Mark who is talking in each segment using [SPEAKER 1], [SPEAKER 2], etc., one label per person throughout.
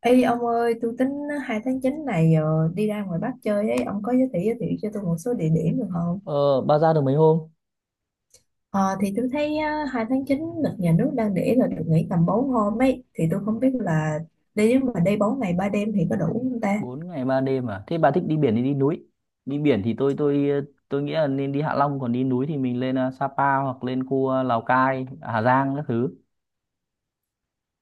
[SPEAKER 1] Ê ông ơi, tôi tính 2 tháng 9 này đi ra ngoài Bắc chơi ấy, ông có giới thiệu cho tôi một số địa điểm được không?
[SPEAKER 2] Ờ, bà ra được mấy hôm?
[SPEAKER 1] Ờ, thì tôi thấy 2 tháng 9 lịch nhà nước đang để là được nghỉ tầm 4 hôm ấy, thì tôi không biết là đi, nếu mà đi 4 ngày 3 đêm thì có đủ không ta?
[SPEAKER 2] Bốn ngày 3 đêm à? Thế bà thích đi biển thì đi núi. Đi biển thì tôi tôi nghĩ là nên đi Hạ Long, còn đi núi thì mình lên Sapa, hoặc lên khu Lào Cai, Hà Giang các thứ.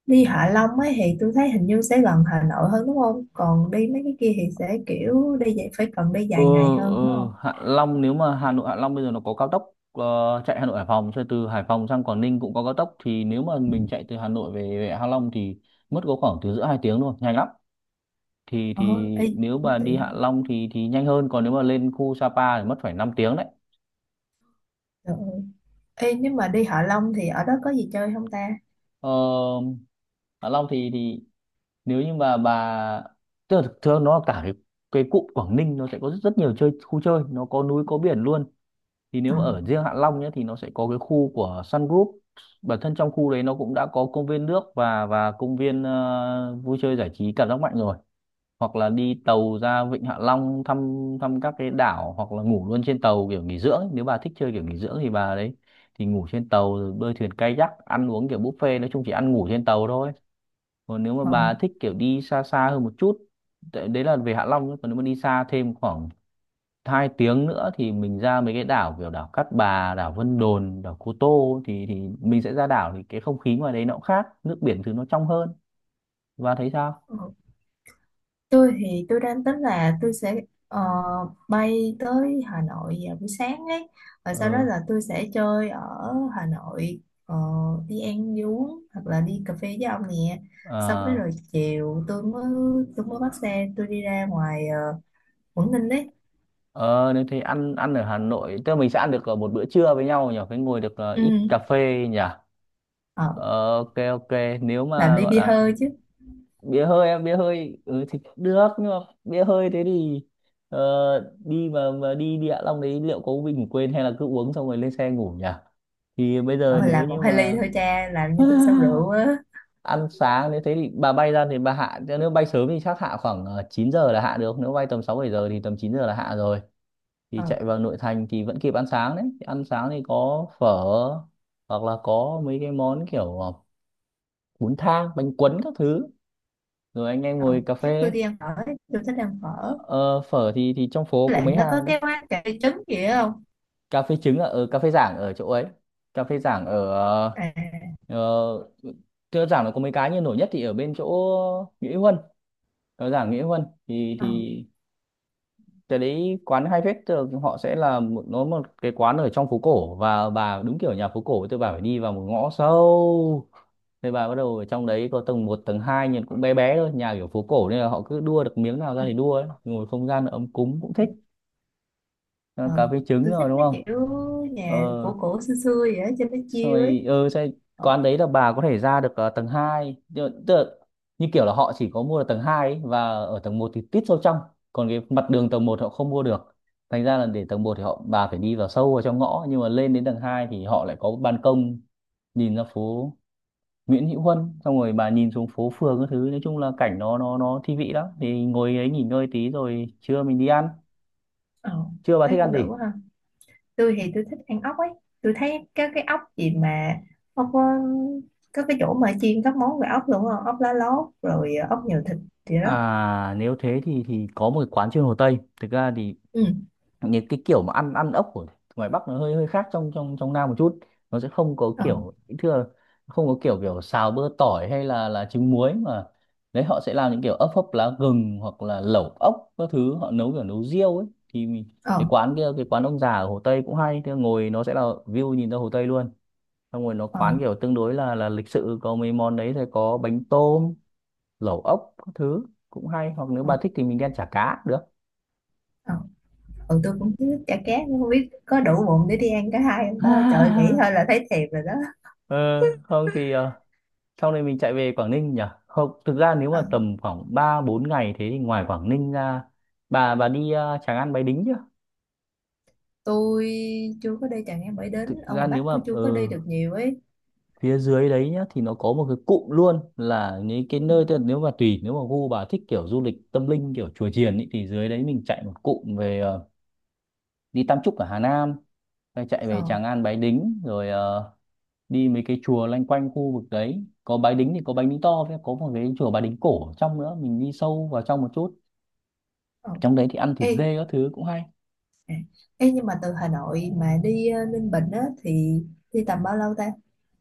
[SPEAKER 1] Đi Hạ Long ấy thì tôi thấy hình như sẽ gần Hà Nội hơn đúng không? Còn đi mấy cái kia thì sẽ kiểu đi vậy, phải cần đi
[SPEAKER 2] Ờ
[SPEAKER 1] dài ngày hơn đúng
[SPEAKER 2] ờ
[SPEAKER 1] không?
[SPEAKER 2] Hạ Long, nếu mà Hà Nội Hạ Long bây giờ nó có cao tốc, chạy Hà Nội Hải Phòng rồi từ Hải Phòng sang Quảng Ninh cũng có cao tốc, thì nếu mà mình chạy từ Hà Nội về Hạ Long thì mất có khoảng từ giữa 2 tiếng thôi, nhanh lắm.
[SPEAKER 1] Ờ,
[SPEAKER 2] Thì
[SPEAKER 1] ê,
[SPEAKER 2] Nếu
[SPEAKER 1] cũng
[SPEAKER 2] mà đi Hạ
[SPEAKER 1] tiện.
[SPEAKER 2] Long thì nhanh hơn, còn nếu mà lên khu Sapa thì mất phải năm tiếng đấy.
[SPEAKER 1] Trời ơi. Ê, nếu mà đi Hạ Long thì ở đó có gì chơi không ta?
[SPEAKER 2] Ờ Hạ Long thì nếu như mà bà, tức là thực thường nó cả cái cụm Quảng Ninh, nó sẽ có rất, rất nhiều chơi khu chơi, nó có núi có biển luôn. Thì
[SPEAKER 1] Ờ,
[SPEAKER 2] nếu mà ở riêng Hạ Long nhé thì nó sẽ có cái khu của Sun Group. Bản thân trong khu đấy nó cũng đã có công viên nước, và công viên vui chơi giải trí cảm giác mạnh rồi. Hoặc là đi tàu ra Vịnh Hạ Long thăm, thăm các cái đảo, hoặc là ngủ luôn trên tàu kiểu nghỉ dưỡng ấy. Nếu bà thích chơi kiểu nghỉ dưỡng thì bà đấy thì ngủ trên tàu, rồi bơi thuyền kayak, ăn uống kiểu buffet, nói chung chỉ ăn ngủ trên tàu thôi. Còn nếu mà
[SPEAKER 1] ờ,
[SPEAKER 2] bà thích kiểu đi xa xa hơn một chút, đấy là về Hạ Long nhé, còn nếu mà đi xa thêm khoảng hai tiếng nữa thì mình ra mấy cái đảo, kiểu đảo Cát Bà, đảo Vân Đồn, đảo Cô Tô, thì mình sẽ ra đảo, thì cái không khí ngoài đấy nó cũng khác, nước biển thứ nó trong hơn, và thấy sao.
[SPEAKER 1] ờ. Tôi thì tôi đang tính là tôi sẽ ờ, bay tới Hà Nội vào buổi sáng ấy, và sau đó
[SPEAKER 2] ừ
[SPEAKER 1] là tôi sẽ chơi ở Hà Nội, ờ, đi ăn đi uống hoặc là đi cà phê với ông nè. Xong cái
[SPEAKER 2] ờ
[SPEAKER 1] rồi chiều tôi mới bắt xe tôi đi ra ngoài uh, Quảng Ninh đấy.
[SPEAKER 2] ờ Nếu thế ăn, ở Hà Nội tức là mình sẽ ăn được một bữa trưa với nhau nhỉ, cái ngồi được ít
[SPEAKER 1] Ừ.
[SPEAKER 2] cà phê nhỉ.
[SPEAKER 1] Ờ,
[SPEAKER 2] Ờ, ok, ok, nếu
[SPEAKER 1] làm
[SPEAKER 2] mà
[SPEAKER 1] ly
[SPEAKER 2] gọi
[SPEAKER 1] bia
[SPEAKER 2] là
[SPEAKER 1] hơi chứ.
[SPEAKER 2] bia hơi, em bia hơi, ừ, thì cũng được, nhưng mà bia hơi thế thì đi mà đi địa long đấy liệu có bị ngủ quên, hay là cứ uống xong rồi lên xe ngủ nhỉ, thì bây giờ
[SPEAKER 1] Ờ,
[SPEAKER 2] nếu
[SPEAKER 1] làm một
[SPEAKER 2] như
[SPEAKER 1] hai ly
[SPEAKER 2] mà
[SPEAKER 1] thôi cha, làm như tôi sao rượu á.
[SPEAKER 2] ăn sáng, nếu thế thì bà bay ra thì bà hạ, nếu bay sớm thì chắc hạ khoảng 9 giờ là hạ được, nếu bay tầm 6 7 giờ thì tầm 9 giờ là hạ rồi, thì
[SPEAKER 1] Ờ,
[SPEAKER 2] chạy vào nội thành thì vẫn kịp ăn sáng đấy. Thì ăn sáng thì có phở, hoặc là có mấy cái món kiểu bún thang, bánh cuốn các thứ, rồi anh em
[SPEAKER 1] ờ.
[SPEAKER 2] ngồi cà
[SPEAKER 1] Chắc tôi
[SPEAKER 2] phê.
[SPEAKER 1] đi ăn phở ấy. Tôi thích ăn phở.
[SPEAKER 2] Ờ, phở thì trong phố
[SPEAKER 1] Với
[SPEAKER 2] có
[SPEAKER 1] lại
[SPEAKER 2] mấy
[SPEAKER 1] nó có
[SPEAKER 2] hàng đấy.
[SPEAKER 1] cái quán cà phê trứng gì đó không?
[SPEAKER 2] Cà phê trứng ở ở cà phê Giảng, ở chỗ ấy. Cà phê Giảng ở
[SPEAKER 1] À.
[SPEAKER 2] ờ, thưa Giảng, nó có mấy cái nhưng nổi nhất thì ở bên chỗ Nghĩa Huân. Ở Giảng Nghĩa Huân thì
[SPEAKER 1] Ờ.
[SPEAKER 2] cái đấy quán hay phết, thường họ sẽ là một, nó một cái quán ở trong phố cổ, và bà đúng kiểu nhà phố cổ, tôi bà phải đi vào một ngõ sâu. Thế bà bắt đầu ở trong đấy có tầng một tầng hai, nhìn cũng bé bé thôi, nhà kiểu phố cổ nên là họ cứ đua được miếng nào ra thì đua ấy. Ngồi không gian ấm cúng cũng
[SPEAKER 1] Ờ,
[SPEAKER 2] thích. Cà
[SPEAKER 1] ờ,
[SPEAKER 2] phê trứng
[SPEAKER 1] tôi
[SPEAKER 2] rồi
[SPEAKER 1] thích
[SPEAKER 2] đúng
[SPEAKER 1] mấy
[SPEAKER 2] không?
[SPEAKER 1] kiểu
[SPEAKER 2] ờ
[SPEAKER 1] nhà cổ cổ xưa xưa vậy đó, cho nó chill ấy.
[SPEAKER 2] Xong rồi
[SPEAKER 1] Ờ,
[SPEAKER 2] quán đấy là bà có thể ra được tầng hai, tức tức là, như kiểu là họ chỉ có mua được tầng 2 ấy, và ở tầng một thì tít sâu trong, còn cái mặt đường tầng một họ không mua được, thành ra là để tầng một thì họ bà phải đi vào sâu vào trong ngõ, nhưng mà lên đến tầng 2 thì họ lại có ban công nhìn ra phố Nguyễn Hữu Huân, xong rồi bà nhìn xuống phố phường các thứ, nói chung là cảnh nó thi vị lắm, thì ngồi đấy nghỉ ngơi tí rồi trưa mình đi ăn.
[SPEAKER 1] ờ,
[SPEAKER 2] Trưa bà
[SPEAKER 1] thấy
[SPEAKER 2] thích ăn
[SPEAKER 1] cũng được
[SPEAKER 2] gì?
[SPEAKER 1] quá ha. Tôi thì tôi thích ăn ốc ấy, tôi thấy cái ốc gì mà ốc, có cái chỗ mà chiên các món về ốc luôn á, ốc lá lốt rồi ốc nhiều thịt gì đó.
[SPEAKER 2] À, nếu thế thì có một cái quán trên Hồ Tây. Thực ra thì
[SPEAKER 1] Ừ.
[SPEAKER 2] những cái kiểu mà ăn, ăn ốc của ngoài Bắc nó hơi hơi khác trong trong trong Nam một chút, nó sẽ không có
[SPEAKER 1] Ờ.
[SPEAKER 2] kiểu thưa, không có kiểu, kiểu xào bơ tỏi hay là trứng muối, mà đấy họ sẽ làm những kiểu ốc hấp lá gừng, hoặc là lẩu ốc các thứ, họ nấu kiểu nấu riêu ấy, thì mình,
[SPEAKER 1] Ờ.
[SPEAKER 2] cái quán kia cái quán ông già ở Hồ Tây cũng hay, thưa ngồi nó sẽ là view nhìn ra Hồ Tây luôn, xong rồi nó
[SPEAKER 1] Ờ.
[SPEAKER 2] quán kiểu tương đối là lịch sự, có mấy món đấy sẽ có bánh tôm, lẩu ốc các thứ, cũng hay. Hoặc nếu
[SPEAKER 1] Ờ.
[SPEAKER 2] bà thích thì mình đi ăn chả cá cũng được.
[SPEAKER 1] Ờ. Ừ, tôi cũng thích chả cá nhưng không biết có đủ bụng để đi ăn cả hai không ta, trời, nghĩ thôi là thấy thèm rồi đó.
[SPEAKER 2] Ờ, không thì sau này mình chạy về Quảng Ninh nhỉ. Không, thực ra nếu
[SPEAKER 1] Ờ,
[SPEAKER 2] mà tầm khoảng 3 4 ngày thế thì ngoài Quảng Ninh ra, bà đi Tràng An Bái Đính chưa?
[SPEAKER 1] tôi chưa có đi Trà Nghe, mới đến
[SPEAKER 2] Thực
[SPEAKER 1] ở
[SPEAKER 2] ra
[SPEAKER 1] ngoài Bắc
[SPEAKER 2] nếu mà
[SPEAKER 1] tôi chưa có đi được nhiều ấy.
[SPEAKER 2] phía dưới đấy nhá thì nó có một cái cụm luôn là những cái
[SPEAKER 1] Ừ.
[SPEAKER 2] nơi, tức là nếu mà tùy, nếu mà gu bà thích kiểu du lịch tâm linh kiểu chùa chiền ý, thì dưới đấy mình chạy một cụm về, đi Tam Trúc ở Hà Nam, rồi chạy
[SPEAKER 1] Ờ,
[SPEAKER 2] về Tràng An Bái Đính, rồi đi mấy cái chùa loanh quanh khu vực đấy, có Bái Đính thì có Bái Đính to, với có một cái chùa Bái Đính cổ ở trong nữa, mình đi sâu vào trong một chút.
[SPEAKER 1] ờ.
[SPEAKER 2] Trong đấy thì ăn thịt
[SPEAKER 1] Ê,
[SPEAKER 2] dê các thứ cũng hay.
[SPEAKER 1] à, ê, nhưng mà từ Hà Nội mà đi Ninh Bình á thì đi tầm bao lâu ta?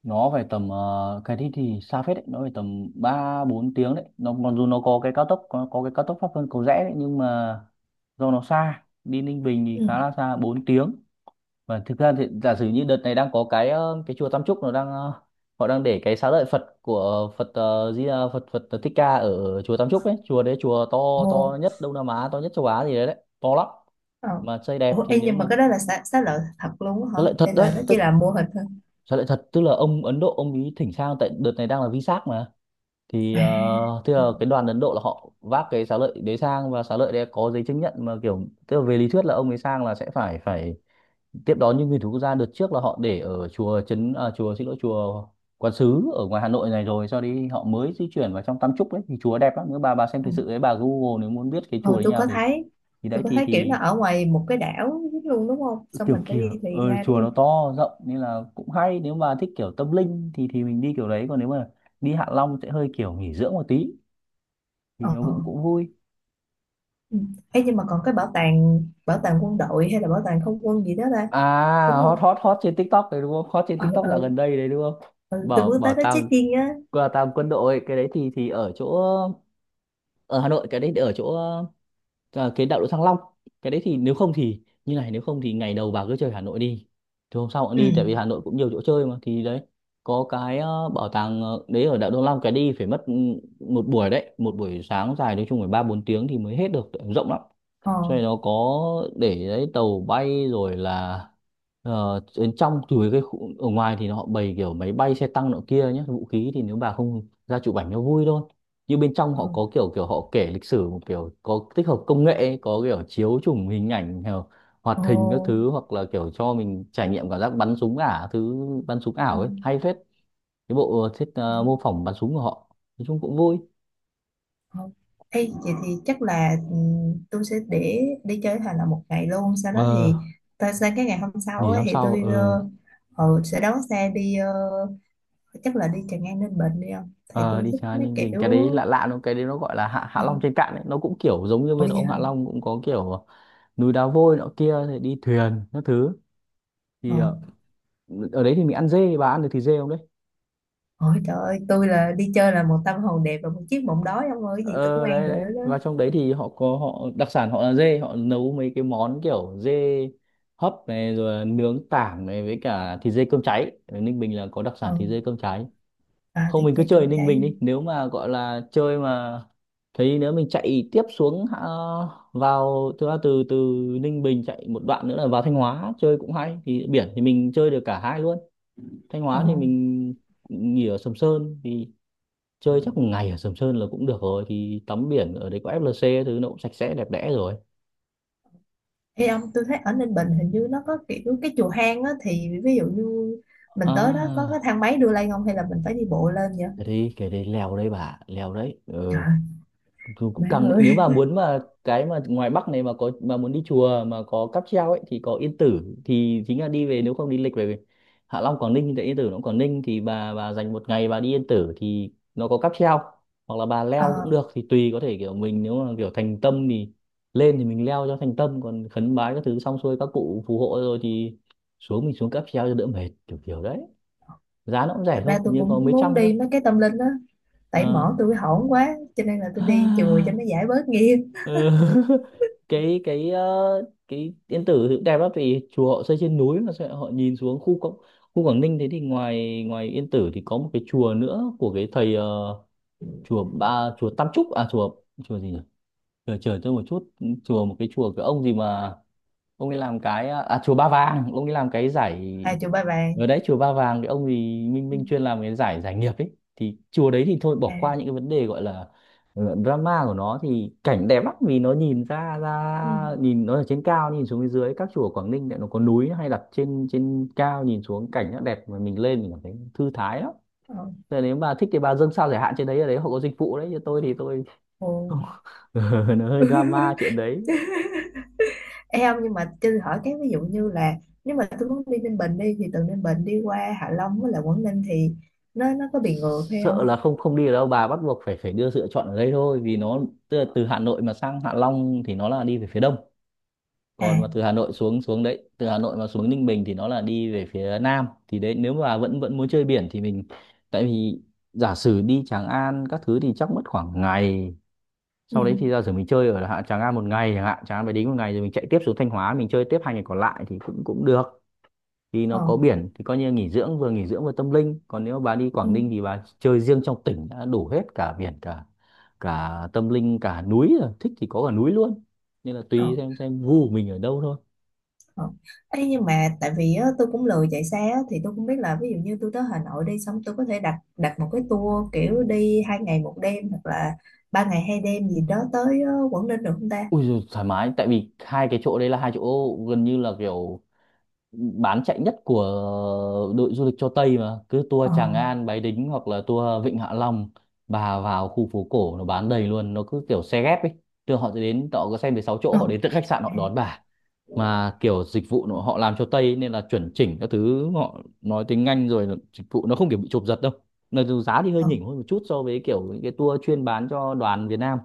[SPEAKER 2] Nó phải tầm cái đi thì xa phết đấy, nó phải tầm ba bốn tiếng đấy, nó mặc dù nó có cái cao tốc, có cái cao tốc Pháp Vân Cầu Rẽ đấy, nhưng mà do nó xa, đi Ninh Bình thì
[SPEAKER 1] Ừ.
[SPEAKER 2] khá là xa, 4 tiếng. Và thực ra thì giả sử như đợt này đang có cái cái chùa Tam Trúc, nó đang họ đang để cái xá lợi Phật của Phật, Phật Phật Thích Ca ở chùa Tam Trúc ấy, chùa đấy chùa to,
[SPEAKER 1] Ồ,
[SPEAKER 2] to nhất Đông Nam Á, to nhất châu Á gì đấy, đấy to lắm,
[SPEAKER 1] ờ.
[SPEAKER 2] mà xây đẹp.
[SPEAKER 1] Ủa,
[SPEAKER 2] Thì
[SPEAKER 1] ê,
[SPEAKER 2] nếu
[SPEAKER 1] nhưng
[SPEAKER 2] mà,
[SPEAKER 1] mà cái đó là xá lợi thật luôn
[SPEAKER 2] xá
[SPEAKER 1] á hả?
[SPEAKER 2] lợi thật
[SPEAKER 1] Hay
[SPEAKER 2] đấy
[SPEAKER 1] là nó chỉ
[SPEAKER 2] tức,
[SPEAKER 1] là mô hình thôi?
[SPEAKER 2] sao lại thật? Tức là ông Ấn Độ ông ý thỉnh sang, tại đợt này đang là VSAC mà. Thì
[SPEAKER 1] À,
[SPEAKER 2] ờ, tức
[SPEAKER 1] ừ,
[SPEAKER 2] là cái đoàn Ấn Độ là họ vác cái xá lợi đấy sang, và xá lợi đấy có giấy chứng nhận, mà kiểu tức là về lý thuyết là ông ấy sang là sẽ phải phải tiếp đón những nguyên thủ quốc gia. Đợt trước là họ để ở chùa chùa, xin lỗi, chùa Quán Sứ ở ngoài Hà Nội này, rồi sau đi họ mới di chuyển vào trong Tam Trúc đấy, thì chùa đẹp lắm, nếu bà xem
[SPEAKER 1] ừ.
[SPEAKER 2] thực sự đấy bà Google, nếu muốn biết cái chùa
[SPEAKER 1] Ờ,
[SPEAKER 2] đấy như nào thì đấy
[SPEAKER 1] tôi có thấy kiểu nó
[SPEAKER 2] thì
[SPEAKER 1] ở ngoài một cái đảo luôn đúng không? Xong
[SPEAKER 2] kiểu,
[SPEAKER 1] mình phải đi thuyền ra đúng
[SPEAKER 2] chùa nó
[SPEAKER 1] không?
[SPEAKER 2] to rộng nên là cũng hay, nếu mà thích kiểu tâm linh thì mình đi kiểu đấy, còn nếu mà đi Hạ Long sẽ hơi kiểu nghỉ dưỡng một tí, thì
[SPEAKER 1] Ờ.
[SPEAKER 2] nó cũng cũng vui.
[SPEAKER 1] Ừ. Ê, nhưng mà còn cái bảo tàng quân đội hay là bảo tàng không quân gì đó ta?
[SPEAKER 2] À,
[SPEAKER 1] Đúng
[SPEAKER 2] hot,
[SPEAKER 1] không?
[SPEAKER 2] hot, hot trên TikTok đấy đúng không, hot trên
[SPEAKER 1] Ờ,
[SPEAKER 2] TikTok
[SPEAKER 1] ờ,
[SPEAKER 2] dạo
[SPEAKER 1] ừ.
[SPEAKER 2] gần đây đấy đúng không.
[SPEAKER 1] Ừ, tôi
[SPEAKER 2] Bảo
[SPEAKER 1] muốn
[SPEAKER 2] Bảo
[SPEAKER 1] tới đó
[SPEAKER 2] tàng,
[SPEAKER 1] check-in á.
[SPEAKER 2] qua tàng quân đội, cái đấy thì ở chỗ, ở Hà Nội cái đấy ở chỗ cái đại lộ Thăng Long. Cái đấy thì nếu không thì như này, nếu không thì ngày đầu bà cứ chơi Hà Nội đi, thì hôm sau cũng
[SPEAKER 1] Ừ.
[SPEAKER 2] đi, tại vì Hà Nội cũng nhiều chỗ chơi mà. Thì đấy có cái bảo tàng đấy ở đại lộ Thăng Long, cái đi phải mất một buổi đấy, một buổi sáng dài, nói chung phải ba bốn tiếng thì mới hết được, rộng lắm.
[SPEAKER 1] Ờ.
[SPEAKER 2] Cho nên nó có để đấy tàu bay rồi là, đến trong từ cái khu, ở ngoài thì họ bày kiểu máy bay, xe tăng nọ kia nhé, vũ khí, thì nếu bà không ra chụp ảnh nó vui thôi, nhưng bên trong họ
[SPEAKER 1] Ờ.
[SPEAKER 2] có kiểu, kiểu họ kể lịch sử một kiểu có tích hợp công nghệ ấy, có kiểu chiếu chụp hình ảnh kiểu hoạt hình các
[SPEAKER 1] Ồ,
[SPEAKER 2] thứ, hoặc là kiểu cho mình trải nghiệm cảm giác bắn súng ảo thứ, bắn súng
[SPEAKER 1] ờ,
[SPEAKER 2] ảo ấy Hay phết. Cái bộ thiết
[SPEAKER 1] ờ,
[SPEAKER 2] mô phỏng bắn súng của họ nói chung cũng vui.
[SPEAKER 1] ờ. Ê, vậy thì chắc là tôi sẽ để chơi thành là một ngày luôn, sau đó
[SPEAKER 2] ờ
[SPEAKER 1] thì tôi sang cái ngày hôm sau
[SPEAKER 2] Nghỉ
[SPEAKER 1] ấy,
[SPEAKER 2] hôm
[SPEAKER 1] thì
[SPEAKER 2] sau.
[SPEAKER 1] tôi,
[SPEAKER 2] Ờ
[SPEAKER 1] sẽ đón xe đi, chắc là đi Tràng An Ninh Bình đi không, tại
[SPEAKER 2] Ờ,
[SPEAKER 1] tôi
[SPEAKER 2] đi
[SPEAKER 1] thích
[SPEAKER 2] trái
[SPEAKER 1] mấy
[SPEAKER 2] Ninh Bình, cái
[SPEAKER 1] kiểu.
[SPEAKER 2] đấy lạ lạ, nó cái đấy nó gọi là Hạ Hạ
[SPEAKER 1] Ờ,
[SPEAKER 2] Long trên cạn ấy, nó cũng kiểu giống như
[SPEAKER 1] ủa
[SPEAKER 2] bên
[SPEAKER 1] vậy
[SPEAKER 2] ông
[SPEAKER 1] hả.
[SPEAKER 2] Hạ Long, cũng có kiểu núi đá vôi nọ kia thì đi thuyền các thứ.
[SPEAKER 1] Ờ,
[SPEAKER 2] Thì ở đấy thì mình ăn dê, bà ăn được thịt dê không đấy?
[SPEAKER 1] ờ, trời ơi tôi là đi chơi là một tâm hồn đẹp và một chiếc bụng đói ông ơi, cái gì tôi cũng
[SPEAKER 2] Ờ
[SPEAKER 1] ăn
[SPEAKER 2] Đấy
[SPEAKER 1] được
[SPEAKER 2] đấy,
[SPEAKER 1] đó.
[SPEAKER 2] và trong đấy thì họ có, họ đặc sản họ là dê, họ nấu mấy cái món kiểu dê hấp này, rồi là nướng tảng này, với cả thịt dê cơm cháy. Ở Ninh Bình là có đặc
[SPEAKER 1] Ờ,
[SPEAKER 2] sản thịt dê cơm cháy.
[SPEAKER 1] à,
[SPEAKER 2] Không,
[SPEAKER 1] thì
[SPEAKER 2] mình cứ
[SPEAKER 1] chơi
[SPEAKER 2] chơi
[SPEAKER 1] cơm
[SPEAKER 2] Ninh
[SPEAKER 1] cháy.
[SPEAKER 2] Bình đi, nếu mà gọi là chơi mà. Thế nếu mình chạy tiếp xuống vào từ từ từ Ninh Bình chạy một đoạn nữa là vào Thanh Hóa chơi cũng hay, thì biển thì mình chơi được cả hai luôn. Thanh
[SPEAKER 1] Ờ.
[SPEAKER 2] Hóa thì mình nghỉ ở Sầm Sơn, thì chơi chắc một ngày ở Sầm Sơn là cũng được rồi, thì tắm biển ở đấy có FLC thứ, nó cũng sạch sẽ đẹp đẽ rồi.
[SPEAKER 1] Ê ông, tôi thấy ở Ninh Bình hình như nó có kiểu cái chùa hang á, thì ví dụ như mình tới đó có cái
[SPEAKER 2] À,
[SPEAKER 1] thang máy đưa lên không hay là mình phải đi bộ lên vậy?
[SPEAKER 2] thế đi cái đấy lèo đây, bà lèo đấy ừ.
[SPEAKER 1] Trời,
[SPEAKER 2] Cũng cũng
[SPEAKER 1] má
[SPEAKER 2] càng nếu
[SPEAKER 1] ơi.
[SPEAKER 2] mà muốn mà cái mà ngoài Bắc này mà có mà muốn đi chùa mà có cáp treo ấy, thì có Yên Tử, thì chính là đi về, nếu không đi lịch về Hạ Long Quảng Ninh thì tại Yên Tử nó cũng Quảng Ninh, thì bà dành một ngày bà đi Yên Tử thì nó có cáp treo, hoặc là bà leo cũng
[SPEAKER 1] Ờ,
[SPEAKER 2] được thì tùy. Có thể kiểu mình nếu mà kiểu thành tâm thì lên thì mình leo cho thành tâm, còn khấn bái các thứ xong xuôi, các cụ phù hộ rồi thì xuống, mình xuống cáp treo cho đỡ mệt, kiểu kiểu đấy. Giá nó cũng rẻ
[SPEAKER 1] thật
[SPEAKER 2] thôi,
[SPEAKER 1] ra
[SPEAKER 2] hình
[SPEAKER 1] tôi
[SPEAKER 2] như có
[SPEAKER 1] cũng
[SPEAKER 2] mấy
[SPEAKER 1] muốn
[SPEAKER 2] trăm thôi.
[SPEAKER 1] đi mấy cái tâm linh á, tại
[SPEAKER 2] Ờ.
[SPEAKER 1] mỏ tôi hổn quá cho nên là tôi đi chùa cho nó giải bớt nghiệp.
[SPEAKER 2] Ừ. cái cái ờ, cái Yên Tử thì cũng đẹp lắm, vì chùa họ xây trên núi mà sao họ nhìn xuống khu Quảng Ninh. Thế thì ngoài ngoài Yên Tử thì có một cái chùa nữa của cái thầy chùa ba chùa Tam Trúc à chùa, chùa gì nhỉ, chờ chờ tôi một chút, chùa một cái chùa cái ông gì mà ông ấy làm cái, à chùa Ba Vàng, ông ấy làm cái giải
[SPEAKER 1] À, chùa Ba Vàng.
[SPEAKER 2] ở đấy. Chùa Ba Vàng cái ông thì Minh
[SPEAKER 1] Ừ.
[SPEAKER 2] Minh chuyên làm cái giải giải nghiệp ấy, thì chùa đấy thì thôi bỏ qua
[SPEAKER 1] À.
[SPEAKER 2] những cái vấn đề gọi là drama của nó, thì cảnh đẹp lắm vì nó nhìn ra
[SPEAKER 1] Ừ.
[SPEAKER 2] ra nhìn, nó ở trên cao nhìn xuống phía dưới, các chùa ở Quảng Ninh lại nó có núi hay đặt trên trên cao nhìn xuống cảnh nó đẹp, mà mình lên mình cảm thấy thư thái lắm.
[SPEAKER 1] Ờ.
[SPEAKER 2] Thế nếu bà thích thì bà dâng sao giải hạn trên đấy, ở đấy họ có dịch vụ đấy, chứ tôi thì tôi
[SPEAKER 1] Ồ.
[SPEAKER 2] nó hơi drama chuyện đấy.
[SPEAKER 1] Ê ông, nhưng mà cho tôi hỏi, cái ví dụ như là nếu mà tôi muốn đi Ninh Bình đi, thì từ Ninh Bình đi qua Hạ Long với lại Quảng Ninh thì nó có bị ngược hay
[SPEAKER 2] Sợ
[SPEAKER 1] không?
[SPEAKER 2] là không, không đi được đâu bà, bắt buộc phải phải đưa sự lựa chọn ở đây thôi, vì nó tức là từ Hà Nội mà sang Hạ Long thì nó là đi về phía đông, còn mà
[SPEAKER 1] À.
[SPEAKER 2] từ Hà Nội xuống xuống đấy, từ Hà Nội mà xuống Ninh Bình thì nó là đi về phía nam, thì đấy nếu mà vẫn vẫn muốn chơi biển thì mình, tại vì giả sử đi Tràng An các thứ thì chắc mất khoảng ngày,
[SPEAKER 1] Ừ.
[SPEAKER 2] sau đấy thì giả sử mình chơi ở Tràng An một ngày chẳng hạn, Tràng An phải đính một ngày, rồi mình chạy tiếp xuống Thanh Hóa mình chơi tiếp hai ngày còn lại thì cũng cũng được, thì nó
[SPEAKER 1] Ờ.
[SPEAKER 2] có biển thì coi như nghỉ dưỡng, vừa nghỉ dưỡng vừa tâm linh. Còn nếu bà đi
[SPEAKER 1] Ừ.
[SPEAKER 2] Quảng Ninh thì bà chơi riêng trong tỉnh đã đủ hết, cả biển, cả cả tâm linh, cả núi rồi, thích thì có cả núi luôn. Nên là
[SPEAKER 1] Ờ.
[SPEAKER 2] tùy xem gu của mình ở đâu thôi.
[SPEAKER 1] Ờ. Ê, nhưng mà tại vì á, tôi cũng lười chạy xe á, thì tôi không biết là ví dụ như tôi tới Hà Nội đi xong, tôi có thể đặt đặt một cái tour kiểu đi 2 ngày 1 đêm hoặc là 3 ngày 2 đêm gì đó tới Quảng Ninh được không ta?
[SPEAKER 2] Ui rồi, thoải mái, tại vì hai cái chỗ đấy là hai chỗ gần như là kiểu bán chạy nhất của đội du lịch cho Tây mà, cứ tour
[SPEAKER 1] Ờ,
[SPEAKER 2] Tràng An Bái Đính hoặc là tour Vịnh Hạ Long. Bà vào khu phố cổ nó bán đầy luôn, nó cứ kiểu xe ghép ấy, thường họ sẽ đến, họ có xe đến 6 chỗ,
[SPEAKER 1] ờ,
[SPEAKER 2] họ đến từ khách sạn họ
[SPEAKER 1] à,
[SPEAKER 2] đón bà mà, kiểu dịch vụ
[SPEAKER 1] ừ,
[SPEAKER 2] nó- họ làm cho Tây ấy, nên là chuẩn chỉnh các thứ, họ nói tiếng Anh, rồi là dịch vụ nó không kiểu bị chụp giật đâu, nên dù giá thì hơi
[SPEAKER 1] ờ,
[SPEAKER 2] nhỉnh hơn một chút so với kiểu những cái tour chuyên bán cho đoàn Việt Nam,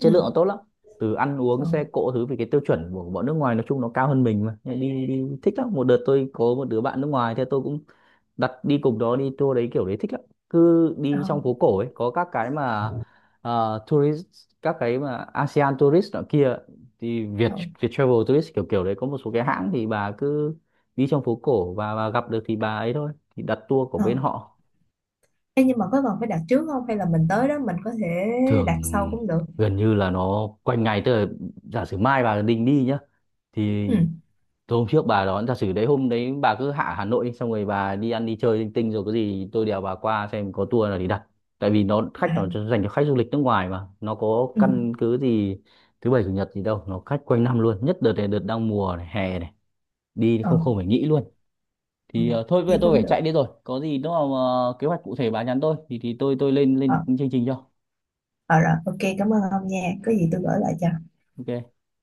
[SPEAKER 2] chất
[SPEAKER 1] ừ,
[SPEAKER 2] lượng nó tốt lắm, từ ăn uống
[SPEAKER 1] ờ,
[SPEAKER 2] xe cộ thứ, vì cái tiêu chuẩn của bọn nước ngoài nói chung nó cao hơn mình mà, đi đi thích lắm. Một đợt tôi có một đứa bạn nước ngoài, thế tôi cũng đặt đi cùng đó, đi tour đấy kiểu đấy thích lắm. Cứ
[SPEAKER 1] ờ,
[SPEAKER 2] đi trong phố cổ ấy, có các cái mà tourist, các cái mà ASEAN tourist nọ kia, thì Việt
[SPEAKER 1] ờ,
[SPEAKER 2] Việt Travel tourist kiểu kiểu đấy, có một số cái hãng, thì bà cứ đi trong phố cổ và gặp được thì bà ấy thôi thì đặt tour của
[SPEAKER 1] ờ.
[SPEAKER 2] bên họ.
[SPEAKER 1] Ê, nhưng mà có cần phải đặt trước không hay là mình tới đó mình có thể
[SPEAKER 2] Thường
[SPEAKER 1] đặt sau cũng được?
[SPEAKER 2] gần như là nó quanh ngày, tức là giả sử mai bà định đi nhá, thì
[SPEAKER 1] Ừ,
[SPEAKER 2] tôi hôm trước bà đón, giả sử đấy hôm đấy bà cứ Hà Nội đi, xong rồi bà đi ăn đi chơi linh tinh, rồi có gì tôi đèo bà qua xem có tour nào để đặt, tại vì nó khách
[SPEAKER 1] à,
[SPEAKER 2] nó dành cho khách du lịch nước ngoài mà, nó có
[SPEAKER 1] ừ,
[SPEAKER 2] căn cứ gì thứ bảy chủ nhật gì đâu, nó khách quanh năm luôn, nhất đợt này đợt đang mùa này, hè này đi
[SPEAKER 1] ờ,
[SPEAKER 2] không, không phải nghĩ luôn.
[SPEAKER 1] ừ,
[SPEAKER 2] Thì thôi bây giờ
[SPEAKER 1] vậy
[SPEAKER 2] tôi
[SPEAKER 1] cũng
[SPEAKER 2] phải
[SPEAKER 1] được.
[SPEAKER 2] chạy đi, rồi có gì nó mà kế hoạch cụ thể bà nhắn tôi, thì tôi lên
[SPEAKER 1] Ờ,
[SPEAKER 2] lên chương trình cho.
[SPEAKER 1] ờ rồi, ok, cảm ơn ông nha. Có gì tôi gửi lại cho.
[SPEAKER 2] OK.